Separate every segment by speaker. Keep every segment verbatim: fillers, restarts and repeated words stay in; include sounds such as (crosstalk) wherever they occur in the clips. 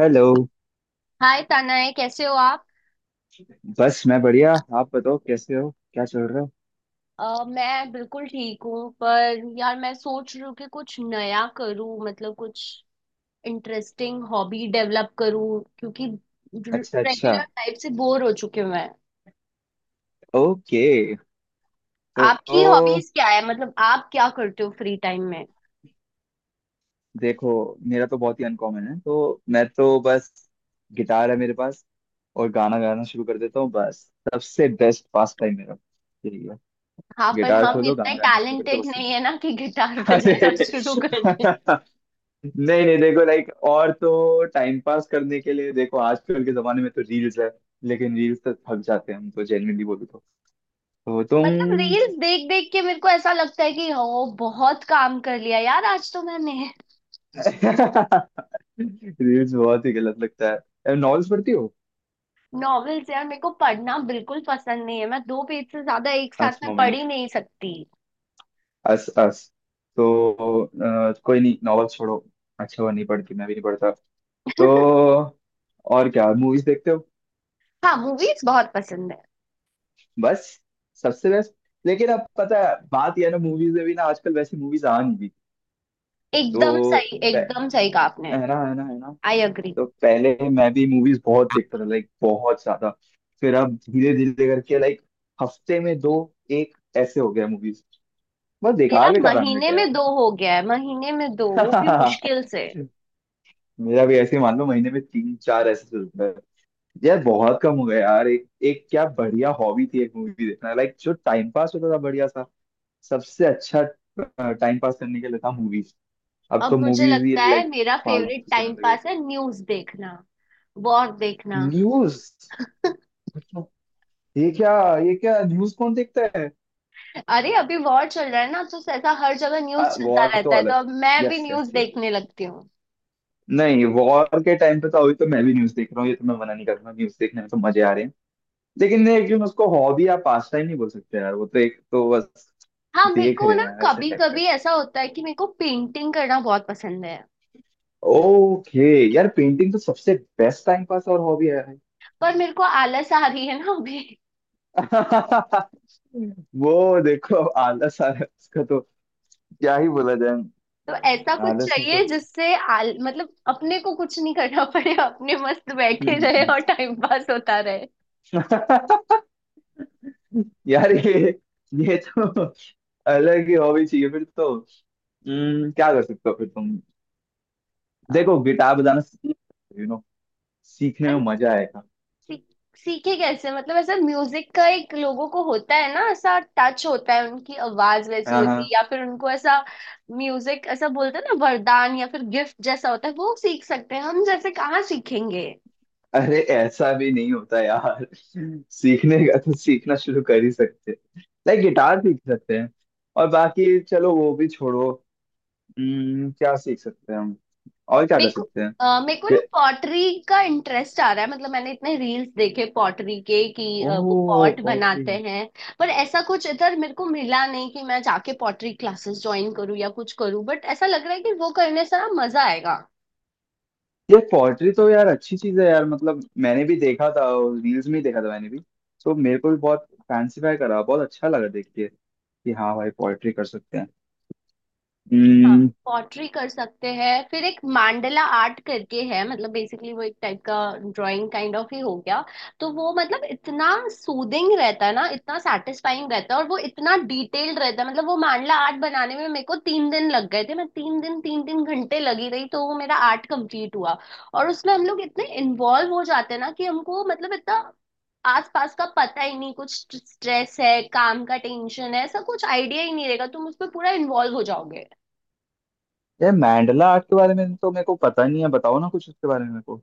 Speaker 1: Hello.
Speaker 2: Hi Tanay, कैसे हो आप।
Speaker 1: बस मैं बढ़िया। आप बताओ कैसे हो, क्या चल रहा है।
Speaker 2: अ, मैं बिल्कुल ठीक हूँ, पर यार मैं सोच रही हूँ कि कुछ नया करूँ। मतलब कुछ इंटरेस्टिंग हॉबी डेवलप करूँ, क्योंकि
Speaker 1: अच्छा अच्छा।
Speaker 2: रेगुलर लाइफ से बोर हो चुके मैं।
Speaker 1: ओके। तो,
Speaker 2: आपकी
Speaker 1: तो
Speaker 2: हॉबीज क्या है? मतलब आप क्या करते हो फ्री टाइम में?
Speaker 1: देखो, मेरा तो बहुत ही अनकॉमन है तो मैं तो बस गिटार है मेरे पास और गाना गाना शुरू कर देता हूँ बस। सबसे बेस्ट पास टाइम मेरा यही है।
Speaker 2: हाँ, पर
Speaker 1: गिटार
Speaker 2: हम
Speaker 1: खोलो,
Speaker 2: इतने
Speaker 1: गाना गाना शुरू करते हो,
Speaker 2: टैलेंटेड
Speaker 1: बस
Speaker 2: नहीं
Speaker 1: खत्म।
Speaker 2: है ना कि गिटार (laughs)
Speaker 1: (laughs) अरे
Speaker 2: बजाना शुरू कर दें।
Speaker 1: नहीं नहीं, देखो लाइक और तो टाइम पास करने के लिए देखो आजकल के जमाने में तो रील्स है। लेकिन रील्स तो थक जाते हैं हम तो, जेन्युइनली बोलूँ तो तो तुम
Speaker 2: मतलब रील्स देख देख के मेरे को ऐसा लगता है कि ओ बहुत काम कर लिया यार आज तो मैंने।
Speaker 1: रील्स बहुत ही गलत लगता है। नॉवेल्स पढ़ती हो?
Speaker 2: नॉवेल्स यार मेरे को पढ़ना बिल्कुल पसंद नहीं है। मैं दो पेज से ज्यादा एक साथ
Speaker 1: अस
Speaker 2: में पढ़
Speaker 1: मोमेंट
Speaker 2: ही नहीं सकती।
Speaker 1: अस अस तो अ, कोई नहीं, नॉवेल छोड़ो। अच्छा हुआ नहीं पढ़ती, मैं भी नहीं पढ़ता। तो और क्या, मूवीज देखते हो?
Speaker 2: हाँ, मूवीज बहुत पसंद है।
Speaker 1: बस सबसे बेस्ट। लेकिन अब पता है बात यह है ना, मूवीज में भी ना आजकल वैसी मूवीज आ नहीं रही।
Speaker 2: एकदम
Speaker 1: तो
Speaker 2: सही,
Speaker 1: प-
Speaker 2: एकदम सही कहा आपने।
Speaker 1: है ना है ना है ना।
Speaker 2: I agree.
Speaker 1: तो पहले मैं भी मूवीज बहुत देखता था, लाइक बहुत ज्यादा। फिर अब धीरे धीरे करके लाइक हफ्ते में दो एक ऐसे हो गया मूवीज। बस
Speaker 2: मेरा
Speaker 1: बेकार बेकार आने
Speaker 2: महीने
Speaker 1: लगे
Speaker 2: में
Speaker 1: यार।
Speaker 2: दो हो गया है, महीने में दो, वो भी मुश्किल
Speaker 1: (laughs)
Speaker 2: से।
Speaker 1: मेरा भी ऐसे ही, मान लो महीने में तीन चार ऐसे चलता है। यार बहुत कम हो गया यार, एक एक क्या बढ़िया हॉबी थी एक मूवी देखना, लाइक जो टाइम पास होता था बढ़िया सा। सबसे अच्छा टाइम पास करने के लिए था मूवीज। अब
Speaker 2: अब
Speaker 1: तो
Speaker 2: मुझे
Speaker 1: मूवीज ही
Speaker 2: लगता है
Speaker 1: लाइक
Speaker 2: मेरा फेवरेट
Speaker 1: फालतू से
Speaker 2: टाइम
Speaker 1: आने लगे।
Speaker 2: पास है न्यूज देखना, वॉर देखना।
Speaker 1: न्यूज? मतलब ये क्या, ये क्या, न्यूज कौन देखता
Speaker 2: अरे, अभी वॉर चल रहा है ना, तो ऐसा हर जगह
Speaker 1: है।
Speaker 2: न्यूज चलता
Speaker 1: वॉर तो
Speaker 2: रहता है, तो
Speaker 1: अलग।
Speaker 2: अब मैं भी
Speaker 1: यस
Speaker 2: न्यूज
Speaker 1: यस यस।
Speaker 2: देखने लगती हूँ।
Speaker 1: नहीं, वॉर के टाइम पे था, अभी तो मैं भी न्यूज देख रहा हूँ, ये तो मैं मना नहीं कर रहा, न्यूज देखने में तो मजे आ रहे हैं। लेकिन लेकिन उसको हॉबी या पास टाइम नहीं बोल सकते यार, वो तो एक तो बस
Speaker 2: हाँ मेरे
Speaker 1: देख
Speaker 2: को
Speaker 1: रहे
Speaker 2: ना
Speaker 1: हैं ऐसे
Speaker 2: कभी
Speaker 1: टाइप पे।
Speaker 2: कभी ऐसा होता है कि मेरे को पेंटिंग करना बहुत पसंद है।
Speaker 1: ओके। यार पेंटिंग तो सबसे बेस्ट टाइम पास और हॉबी है भाई।
Speaker 2: पर मेरे को आलस आ रही है ना अभी।
Speaker 1: (laughs) वो देखो, अब आलस आ रहा है उसका, तो क्या ही बोला जाए।
Speaker 2: तो ऐसा कुछ
Speaker 1: आलस में तो
Speaker 2: चाहिए जिससे आल मतलब अपने को कुछ नहीं करना पड़े, अपने मस्त बैठे रहे
Speaker 1: हम्म।
Speaker 2: और टाइम पास होता रहे।
Speaker 1: (laughs) यार ये ये तो अलग ही हॉबी चाहिए फिर तो। हम्म, क्या कर सकते हो फिर तुम?
Speaker 2: आ,
Speaker 1: देखो गिटार बजाना सीखो, यू नो सीखने
Speaker 2: पर
Speaker 1: में मजा आएगा।
Speaker 2: सी- सीखे कैसे? मतलब ऐसा म्यूजिक का एक लोगों को होता है ना, ऐसा टच होता है, उनकी आवाज वैसी
Speaker 1: हाँ
Speaker 2: होती है
Speaker 1: हाँ।
Speaker 2: या फिर उनको ऐसा म्यूजिक ऐसा बोलते हैं ना, वरदान या फिर गिफ्ट जैसा होता है। वो सीख सकते हैं, हम जैसे कहाँ सीखेंगे।
Speaker 1: अरे ऐसा भी नहीं होता यार, सीखने का तो सीखना शुरू कर ही सकते, लाइक गिटार सीख सकते हैं। और बाकी चलो वो भी छोड़ो। हम्म, क्या सीख सकते हैं हम और क्या कर
Speaker 2: मेरे को
Speaker 1: सकते हैं?
Speaker 2: अ, मेरे को ना
Speaker 1: ये,
Speaker 2: पॉटरी का इंटरेस्ट आ रहा है। मतलब मैंने इतने रील्स देखे पॉटरी के कि
Speaker 1: ओ
Speaker 2: अ, वो पॉट
Speaker 1: पॉटरी।
Speaker 2: बनाते हैं। पर ऐसा कुछ इधर मेरे को मिला नहीं कि मैं जाके पॉटरी क्लासेस ज्वाइन करूँ या कुछ करूँ, बट ऐसा लग रहा है कि वो करने से ना मजा आएगा।
Speaker 1: ये पॉटरी तो यार अच्छी चीज है यार, मतलब मैंने भी देखा था, रील्स में ही देखा था मैंने भी। तो मेरे को भी बहुत फैंसीफाई करा, बहुत अच्छा लगा देख के कि हाँ भाई पोएट्री कर सकते हैं।
Speaker 2: हाँ,
Speaker 1: हम्म।
Speaker 2: पॉटरी कर सकते हैं। फिर एक मांडला आर्ट करके है, मतलब बेसिकली वो एक टाइप का ड्राइंग काइंड ऑफ ही हो गया। तो वो मतलब इतना सूदिंग रहता है ना, इतना सेटिस्फाइंग रहता है और वो इतना डिटेल्ड रहता है। मतलब वो मांडला आर्ट बनाने में मेरे को तीन दिन लग गए थे। मैं तीन दिन तीन तीन घंटे लगी रही, तो वो मेरा आर्ट कंप्लीट हुआ। और उसमें हम लोग इतने इन्वॉल्व हो जाते हैं ना कि हमको मतलब इतना आसपास का पता ही नहीं। कुछ स्ट्रेस है, काम का टेंशन है, ऐसा कुछ आइडिया ही नहीं रहेगा। तुम उस पर पूरा इन्वॉल्व हो जाओगे।
Speaker 1: यार मैंडला आर्ट के बारे में तो मेरे को पता नहीं है, बताओ ना कुछ उसके बारे में मेरे को।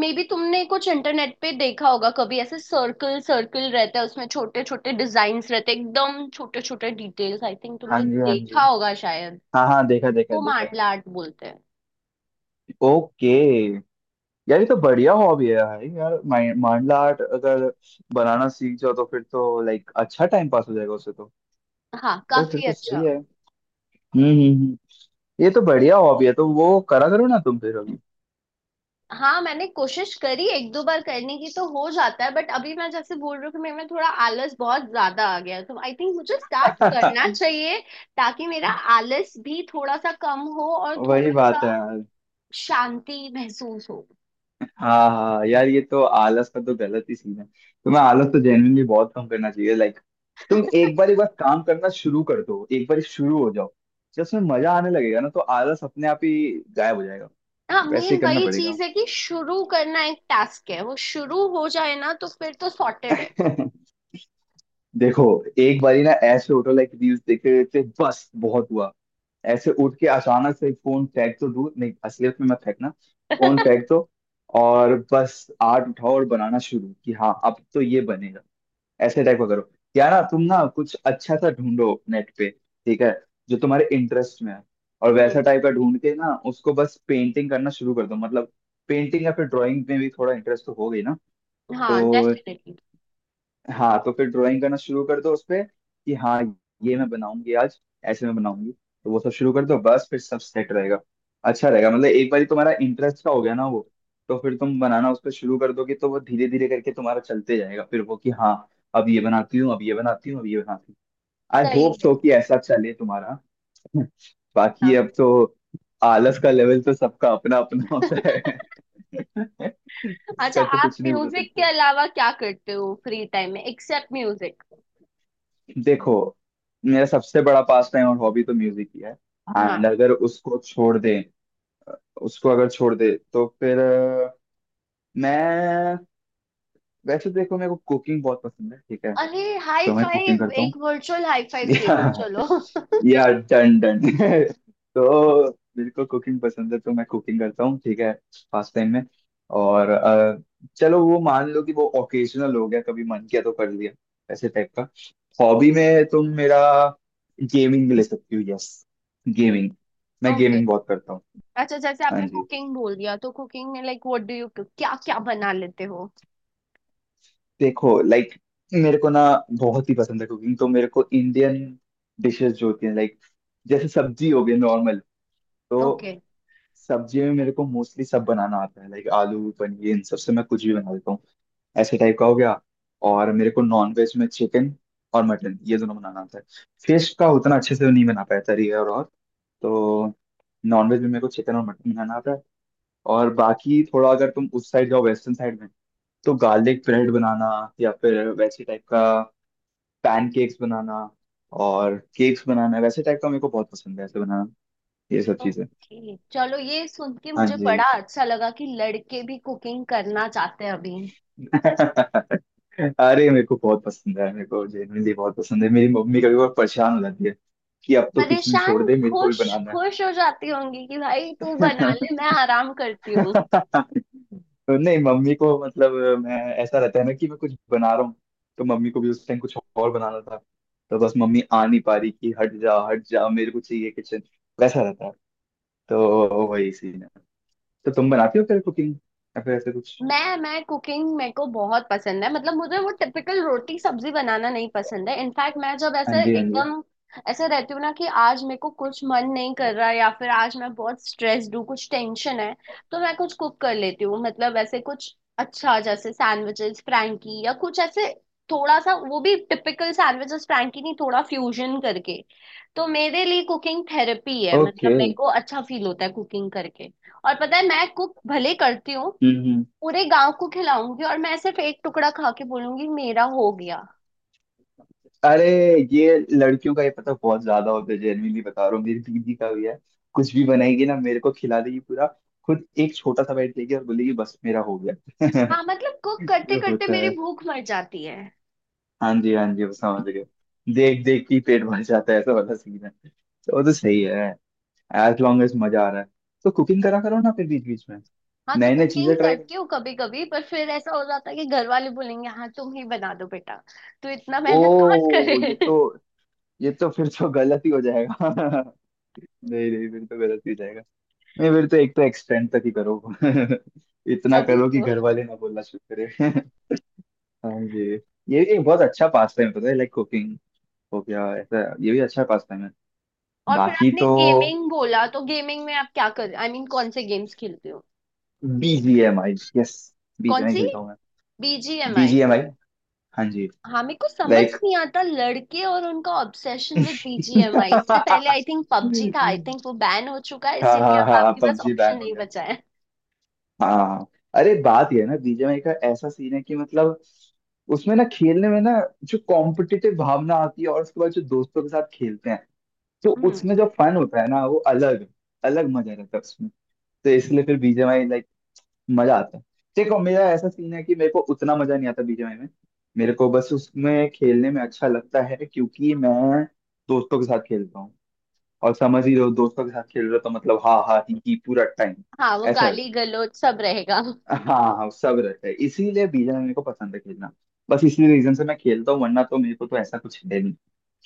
Speaker 2: मे बी तुमने कुछ इंटरनेट पे देखा होगा कभी, ऐसे सर्कल सर्कल रहता है, उसमें छोटे छोटे डिजाइन्स रहते हैं, एकदम छोटे छोटे डिटेल्स, आई थिंक
Speaker 1: हाँ
Speaker 2: तुमने
Speaker 1: जी हाँ जी,
Speaker 2: देखा होगा शायद।
Speaker 1: हाँ हाँ देखा देखा
Speaker 2: वो
Speaker 1: देखा।
Speaker 2: मांडला आर्ट बोलते हैं।
Speaker 1: ओके। यार ये तो बढ़िया हॉबी है यार, यार माइन- मांडला आर्ट अगर बनाना सीख जाओ तो फिर तो लाइक अच्छा टाइम पास हो जाएगा उससे तो।
Speaker 2: हाँ,
Speaker 1: यार फिर
Speaker 2: काफी
Speaker 1: तो
Speaker 2: अच्छा।
Speaker 1: सही है। हम्म हम्म हम्म। ये तो बढ़िया हॉबी है, तो वो करा करो ना तुम फिर अभी।
Speaker 2: हाँ मैंने कोशिश करी एक दो बार करने की, तो हो जाता है, बट अभी मैं जैसे बोल रही हूँ कि मेरे में थोड़ा आलस बहुत ज्यादा आ गया है। तो आई थिंक मुझे स्टार्ट करना
Speaker 1: (laughs)
Speaker 2: चाहिए, ताकि मेरा आलस भी थोड़ा सा कम हो और
Speaker 1: वही
Speaker 2: थोड़ा सा
Speaker 1: बात है यार।
Speaker 2: शांति महसूस हो।
Speaker 1: हाँ हाँ यार, ये तो आलस का तो गलत ही सीन है। तुम्हें आलस तो जेन्युइनली बहुत कम करना चाहिए लाइक, तुम एक बार एक बार काम करना शुरू कर दो, एक बार शुरू हो जाओ, जब उसमें मजा आने लगेगा ना तो आलस अपने आप ही गायब हो जाएगा।
Speaker 2: हाँ
Speaker 1: वैसे
Speaker 2: मेन
Speaker 1: ही
Speaker 2: ऐसे
Speaker 1: करना
Speaker 2: वही तुम
Speaker 1: पड़ेगा।
Speaker 2: चीज है कि शुरू करना एक टास्क है। वो शुरू हो जाए ना, तो फिर तो सॉर्टेड है।
Speaker 1: (laughs) देखो, एक बारी ना ऐसे उठो लाइक, रील्स देखते देखते बस बहुत हुआ। ऐसे उठ के अचानक से फोन फेंक, तो दूर नहीं असलियत में मत फेंकना, फोन
Speaker 2: (laughs)
Speaker 1: फेंक दो। और बस आर्ट उठाओ और बनाना शुरू कि हाँ अब तो ये बनेगा, ऐसे टाइप का करो। या ना तुम ना कुछ अच्छा सा ढूंढो नेट पे, ठीक है, जो तुम्हारे इंटरेस्ट में है और
Speaker 2: हम्म।
Speaker 1: वैसा टाइप का ढूंढ के ना उसको बस पेंटिंग करना शुरू कर दो, मतलब पेंटिंग या फिर ड्राइंग में भी थोड़ा इंटरेस्ट तो हो गई ना।
Speaker 2: हाँ,
Speaker 1: तो
Speaker 2: डेफिनेटली।
Speaker 1: हाँ, तो फिर ड्राइंग करना शुरू कर दो उस पे कि हाँ ये मैं बनाऊंगी आज, ऐसे मैं बनाऊंगी, तो वो सब शुरू कर दो बस, फिर सब सेट रहेगा। अच्छा रहेगा, मतलब एक बार तुम्हारा इंटरेस्ट का हो गया ना वो, तो फिर तुम बनाना उस पर शुरू कर दोगे तो वो धीरे धीरे करके तुम्हारा चलते जाएगा, फिर वो कि हाँ अब ये बनाती हूँ, अब ये बनाती हूँ, अब ये बनाती हूँ। आई होप
Speaker 2: सही है।
Speaker 1: सो कि ऐसा चले तुम्हारा। (laughs) बाकी अब
Speaker 2: हाँ।
Speaker 1: तो आलस का लेवल तो सबका अपना अपना होता है। (laughs)
Speaker 2: अच्छा,
Speaker 1: उसका तो
Speaker 2: आप
Speaker 1: कुछ नहीं बोल
Speaker 2: म्यूजिक के
Speaker 1: सकते।
Speaker 2: अलावा क्या करते हो फ्री टाइम में, एक्सेप्ट म्यूजिक?
Speaker 1: देखो, मेरा सबसे बड़ा पास टाइम और हॉबी तो म्यूजिक ही है। एंड
Speaker 2: हाँ।
Speaker 1: अगर उसको छोड़ दे, उसको अगर छोड़ दे तो फिर अ, मैं वैसे देखो मेरे को कुकिंग बहुत पसंद है, ठीक है।
Speaker 2: अरे हाई
Speaker 1: तो मैं कुकिंग
Speaker 2: फाइव,
Speaker 1: करता,
Speaker 2: एक वर्चुअल हाई फाइव दे दो
Speaker 1: या,
Speaker 2: चलो। (laughs)
Speaker 1: या डन डन (laughs) तो मेरे को कुकिंग पसंद है तो मैं कुकिंग करता हूँ ठीक है, फास्ट टाइम में। और अ, चलो वो मान लो कि वो ओकेजनल हो गया, कभी मन किया तो कर लिया, ऐसे टाइप का। हॉबी में तुम मेरा गेमिंग ले सकती हो, यस गेमिंग। मैं
Speaker 2: ओके।
Speaker 1: गेमिंग बहुत करता हूँ।
Speaker 2: अच्छा जैसे
Speaker 1: हाँ
Speaker 2: आपने
Speaker 1: जी,
Speaker 2: कुकिंग बोल दिया, तो कुकिंग में लाइक व्हाट डू यू, क्या क्या बना लेते हो?
Speaker 1: देखो लाइक, मेरे को ना बहुत ही पसंद है कुकिंग, तो मेरे को इंडियन डिशेस जो होती हैं लाइक, जैसे सब्जी हो गई नॉर्मल। तो
Speaker 2: ओके।
Speaker 1: सब्जी में मेरे को मोस्टली सब बनाना आता है, लाइक आलू पनीर इन सब से मैं कुछ भी बना लेता हूँ, ऐसे टाइप का हो गया। और मेरे को नॉन वेज में चिकन और मटन ये दोनों बनाना आता है। फिश का उतना अच्छे से नहीं बना पाया था रियर और। तो नॉन वेज में मेरे को चिकन और मटन बनाना आता है। और बाकी थोड़ा अगर तुम उस साइड जाओ वेस्टर्न साइड में, तो गार्लिक ब्रेड बनाना या फिर वैसे टाइप का पैनकेक्स बनाना और केक्स बनाना, वैसे टाइप का मेरे को बहुत पसंद है ऐसे बनाना ये सब चीजें।
Speaker 2: ओके चलो, ये सुन के
Speaker 1: हाँ
Speaker 2: मुझे
Speaker 1: जी,
Speaker 2: बड़ा अच्छा लगा कि लड़के भी कुकिंग करना चाहते हैं अभी।
Speaker 1: अरे मेरे को बहुत पसंद है, मेरे को जेनुइनली बहुत पसंद है, मेरी मम्मी कभी बहुत परेशान हो जाती है कि अब तो किचन छोड़
Speaker 2: परेशान?
Speaker 1: दे, मेरे को भी
Speaker 2: खुश,
Speaker 1: बनाना है।
Speaker 2: खुश हो जाती होंगी कि भाई तू बना ले, मैं आराम करती हूँ।
Speaker 1: तो नहीं मम्मी को मतलब मैं, ऐसा रहता है ना कि मैं कुछ बना रहा हूँ तो मम्मी को भी उस टाइम कुछ और बनाना था, तो बस मम्मी आ नहीं पा रही कि हट जा हट जा मेरे को चाहिए किचन, वैसा रहता है, तो वही सीन है। तो तुम बनाती हो फिर कुकिंग, या फिर ऐसे कुछ?
Speaker 2: मैं मैं कुकिंग मेरे को बहुत पसंद है। मतलब मुझे वो टिपिकल रोटी सब्जी बनाना नहीं पसंद है। इनफैक्ट मैं जब
Speaker 1: हाँ
Speaker 2: ऐसे
Speaker 1: जी हाँ जी।
Speaker 2: एकदम ऐसे रहती हूँ ना कि आज मेरे को कुछ मन नहीं कर रहा या फिर आज मैं बहुत स्ट्रेस्ड हूँ, कुछ टेंशन है, तो मैं कुछ कुक कर लेती हूँ। मतलब ऐसे कुछ अच्छा जैसे सैंडविचेस, फ्रैंकी या कुछ ऐसे, थोड़ा सा वो भी टिपिकल सैंडविचेस फ्रैंकी नहीं, थोड़ा फ्यूजन करके। तो मेरे लिए कुकिंग थेरेपी है। मतलब
Speaker 1: ओके
Speaker 2: मेरे को अच्छा फील होता है कुकिंग करके। और पता है मैं कुक भले करती हूँ, पूरे गांव को खिलाऊंगी और मैं सिर्फ एक टुकड़ा खा के बोलूंगी मेरा हो गया।
Speaker 1: अरे, ये लड़कियों का ये पता बहुत ज्यादा होता है, जेन्युइनली बता रहा हूँ, मेरी दीदी का भी है, कुछ भी बनाएगी ना मेरे को खिला देगी पूरा, खुद एक छोटा सा बैठ लेगी और बोलेगी बस मेरा हो गया।
Speaker 2: हाँ, मतलब
Speaker 1: (laughs)
Speaker 2: कुक करते
Speaker 1: ये
Speaker 2: करते
Speaker 1: होता
Speaker 2: मेरी
Speaker 1: है।
Speaker 2: भूख मर जाती है।
Speaker 1: हाँ जी हाँ जी, वो समझ गए। देख देख के ही पेट भर जाता है, ऐसा वाला सीन है, तो वो तो सही है। एज लॉन्ग एज मजा आ रहा है तो कुकिंग करा करो ना फिर बीच बीच में,
Speaker 2: हाँ तो
Speaker 1: नए नए
Speaker 2: कुकिंग
Speaker 1: चीजें ट्राई करो।
Speaker 2: करती हूँ कभी कभी, पर फिर ऐसा हो जाता है कि घर वाले बोलेंगे हाँ तुम ही बना दो बेटा, तो इतना मेहनत कौन
Speaker 1: ओ
Speaker 2: करे।
Speaker 1: ये
Speaker 2: (laughs)
Speaker 1: तो, ये तो फिर तो गलत ही हो जाएगा। (laughs) नहीं नहीं फिर तो गलत ही हो जाएगा। नहीं फिर तो एक तो एक्सटेंड तक ही करो। (laughs) इतना
Speaker 2: तभी
Speaker 1: करो कि
Speaker 2: तो।
Speaker 1: घर वाले ना बोलना शुरू करें। (laughs) हाँ जी, ये एक बहुत अच्छा पास टाइम पता है लाइक, कुकिंग हो गया ऐसा, ये भी अच्छा पास टाइम है।
Speaker 2: और फिर
Speaker 1: बाकी
Speaker 2: आपने
Speaker 1: तो
Speaker 2: गेमिंग बोला, तो गेमिंग में आप क्या कर, आई I मीन mean, कौन से गेम्स खेलते हो?
Speaker 1: बीजीएमआई, यस
Speaker 2: कौन
Speaker 1: बीजीएमआई
Speaker 2: सी?
Speaker 1: खेलता हूँ मैं,
Speaker 2: बीजीएमआई?
Speaker 1: बीजीएमआई। हाँ जी
Speaker 2: हाँ मेरे को समझ
Speaker 1: लाइक।
Speaker 2: नहीं आता लड़के और उनका ऑब्सेशन विद बीजीएमआई। इससे पहले
Speaker 1: (laughs)
Speaker 2: आई थिंक पबजी था, आई थिंक वो बैन हो चुका है,
Speaker 1: हाँ हाँ
Speaker 2: इसीलिए अब
Speaker 1: हाँ
Speaker 2: आपके पास
Speaker 1: पबजी
Speaker 2: ऑप्शन
Speaker 1: बैन हो।
Speaker 2: नहीं बचा है।
Speaker 1: हाँ अरे बात यह है ना, बीजीएमआई का ऐसा सीन है कि मतलब उसमें ना खेलने में ना जो कॉम्पिटिटिव भावना आती है और उसके बाद जो दोस्तों के साथ खेलते हैं तो
Speaker 2: हम्म।
Speaker 1: उसमें जो फन होता है ना, वो अलग अलग मजा रहता है उसमें। तो इसलिए फिर बीजीएमआई लाइक मजा आता है। देखो, मेरा ऐसा सीन है कि मेरे को उतना मजा नहीं आता बीजीएमआई में, मेरे को बस उसमें खेलने में अच्छा लगता है क्योंकि मैं दोस्तों के साथ खेलता हूँ, और समझ ही रहो दोस्तों के साथ खेल रहे हो तो मतलब हाँ हाँ, ही, ही पूरा टाइम
Speaker 2: हाँ, वो
Speaker 1: ऐसा
Speaker 2: गाली
Speaker 1: रहता है।
Speaker 2: गलौज सब रहेगा।
Speaker 1: हाँ हाँ सब रहता है, इसीलिए बीजन मेरे को पसंद है खेलना, बस इसी रीजन से मैं खेलता हूँ वरना तो मेरे को तो ऐसा कुछ है नहीं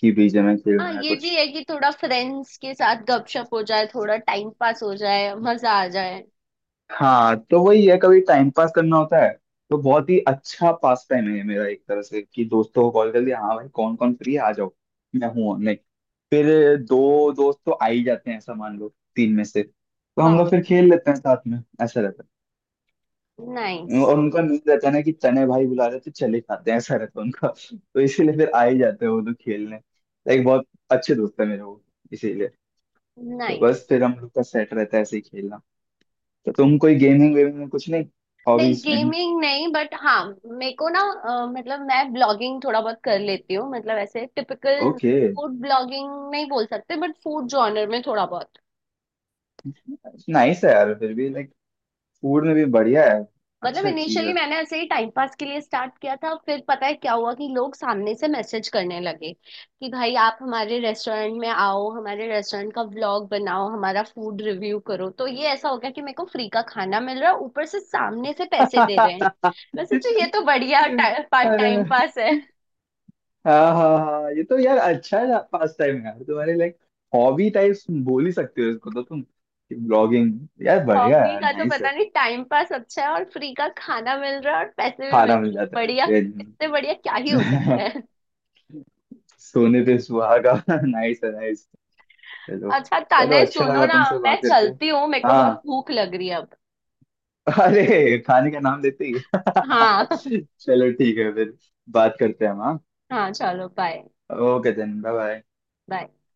Speaker 1: कि बीजन में
Speaker 2: हाँ
Speaker 1: खेलूँ या
Speaker 2: ये
Speaker 1: कुछ।
Speaker 2: भी है कि थोड़ा फ्रेंड्स के साथ गपशप हो जाए, थोड़ा टाइम पास हो जाए, मजा आ जाए।
Speaker 1: हाँ तो वही है, कभी टाइम पास करना होता है तो बहुत ही अच्छा पास टाइम है मेरा एक तरह से, कि दोस्तों को कॉल कर लिया हाँ भाई कौन कौन फ्री है आ जाओ मैं हूँ ऑनलाइन। फिर दो दोस्त तो आ ही जाते हैं ऐसा मान लो, तीन में से, तो हम
Speaker 2: वाह।
Speaker 1: लोग फिर खेल लेते हैं साथ में, ऐसा रहता है।
Speaker 2: नाइस।
Speaker 1: और उनका मेन रहता है ना कि तने भाई बुला रहे हैं, तो चले खाते हैं, ऐसा रहता है उनका। तो इसीलिए फिर आ ही जाते हैं वो लोग खेलने, लाइक बहुत अच्छे दोस्त है मेरे वो, इसीलिए। तो
Speaker 2: नाइस।
Speaker 1: बस फिर हम लोग का सेट रहता है ऐसे ही खेलना। तो तुम कोई गेमिंग वेमिंग में कुछ नहीं,
Speaker 2: नहीं,
Speaker 1: हॉबीज एनी?
Speaker 2: गेमिंग नहीं, बट हाँ मेरे को ना अ, मतलब मैं ब्लॉगिंग थोड़ा बहुत कर लेती हूँ। मतलब ऐसे टिपिकल
Speaker 1: ओके,
Speaker 2: फूड ब्लॉगिंग नहीं बोल सकते, बट फूड जॉनर में थोड़ा बहुत।
Speaker 1: नाइस है यार फिर भी लाइक, फूड में भी बढ़िया है,
Speaker 2: मतलब
Speaker 1: अच्छा चीज है।
Speaker 2: इनिशियली मैंने ऐसे ही टाइम पास के लिए स्टार्ट किया था, फिर पता है क्या हुआ, कि लोग सामने से मैसेज करने लगे कि भाई आप हमारे रेस्टोरेंट में आओ, हमारे रेस्टोरेंट का व्लॉग बनाओ, हमारा फूड रिव्यू करो। तो ये ऐसा हो गया कि मेरे को फ्री का खाना मिल रहा है, ऊपर से सामने से पैसे दे रहे हैं। वैसे तो ये
Speaker 1: (laughs)
Speaker 2: तो बढ़िया टाइम पास,
Speaker 1: अरे
Speaker 2: टाइम पास है।
Speaker 1: हाँ हाँ हाँ, ये तो यार अच्छा है पास टाइम, यार तुम्हारे लाइक हॉबी टाइप बोल ही सकते हो इसको तो तुम, ब्लॉगिंग, यार बढ़िया
Speaker 2: हॉबी
Speaker 1: है,
Speaker 2: का तो
Speaker 1: नाइस है।
Speaker 2: पता नहीं, टाइम पास अच्छा है और फ्री का खाना मिल रहा है और पैसे भी मिल
Speaker 1: खाना
Speaker 2: रहे
Speaker 1: मिल
Speaker 2: हैं,
Speaker 1: जाता है
Speaker 2: बढ़िया। इससे
Speaker 1: चैन।
Speaker 2: बढ़िया क्या ही हो सकता
Speaker 1: (laughs)
Speaker 2: है।
Speaker 1: सोने पे सुहागा। (laughs) नाइस है नाइस। चलो।
Speaker 2: अच्छा
Speaker 1: चलो
Speaker 2: तने
Speaker 1: अच्छा
Speaker 2: सुनो
Speaker 1: लगा
Speaker 2: ना,
Speaker 1: तुमसे बात
Speaker 2: मैं
Speaker 1: करके।
Speaker 2: चलती हूँ, मेरे को बहुत
Speaker 1: हाँ,
Speaker 2: भूख लग रही है अब।
Speaker 1: अरे खाने का नाम लेते ही
Speaker 2: हाँ।
Speaker 1: (laughs)
Speaker 2: (laughs)
Speaker 1: चलो ठीक है फिर, बात करते हैं हम।
Speaker 2: हाँ चलो बाय।
Speaker 1: हाँ okay then bye bye.
Speaker 2: Bye.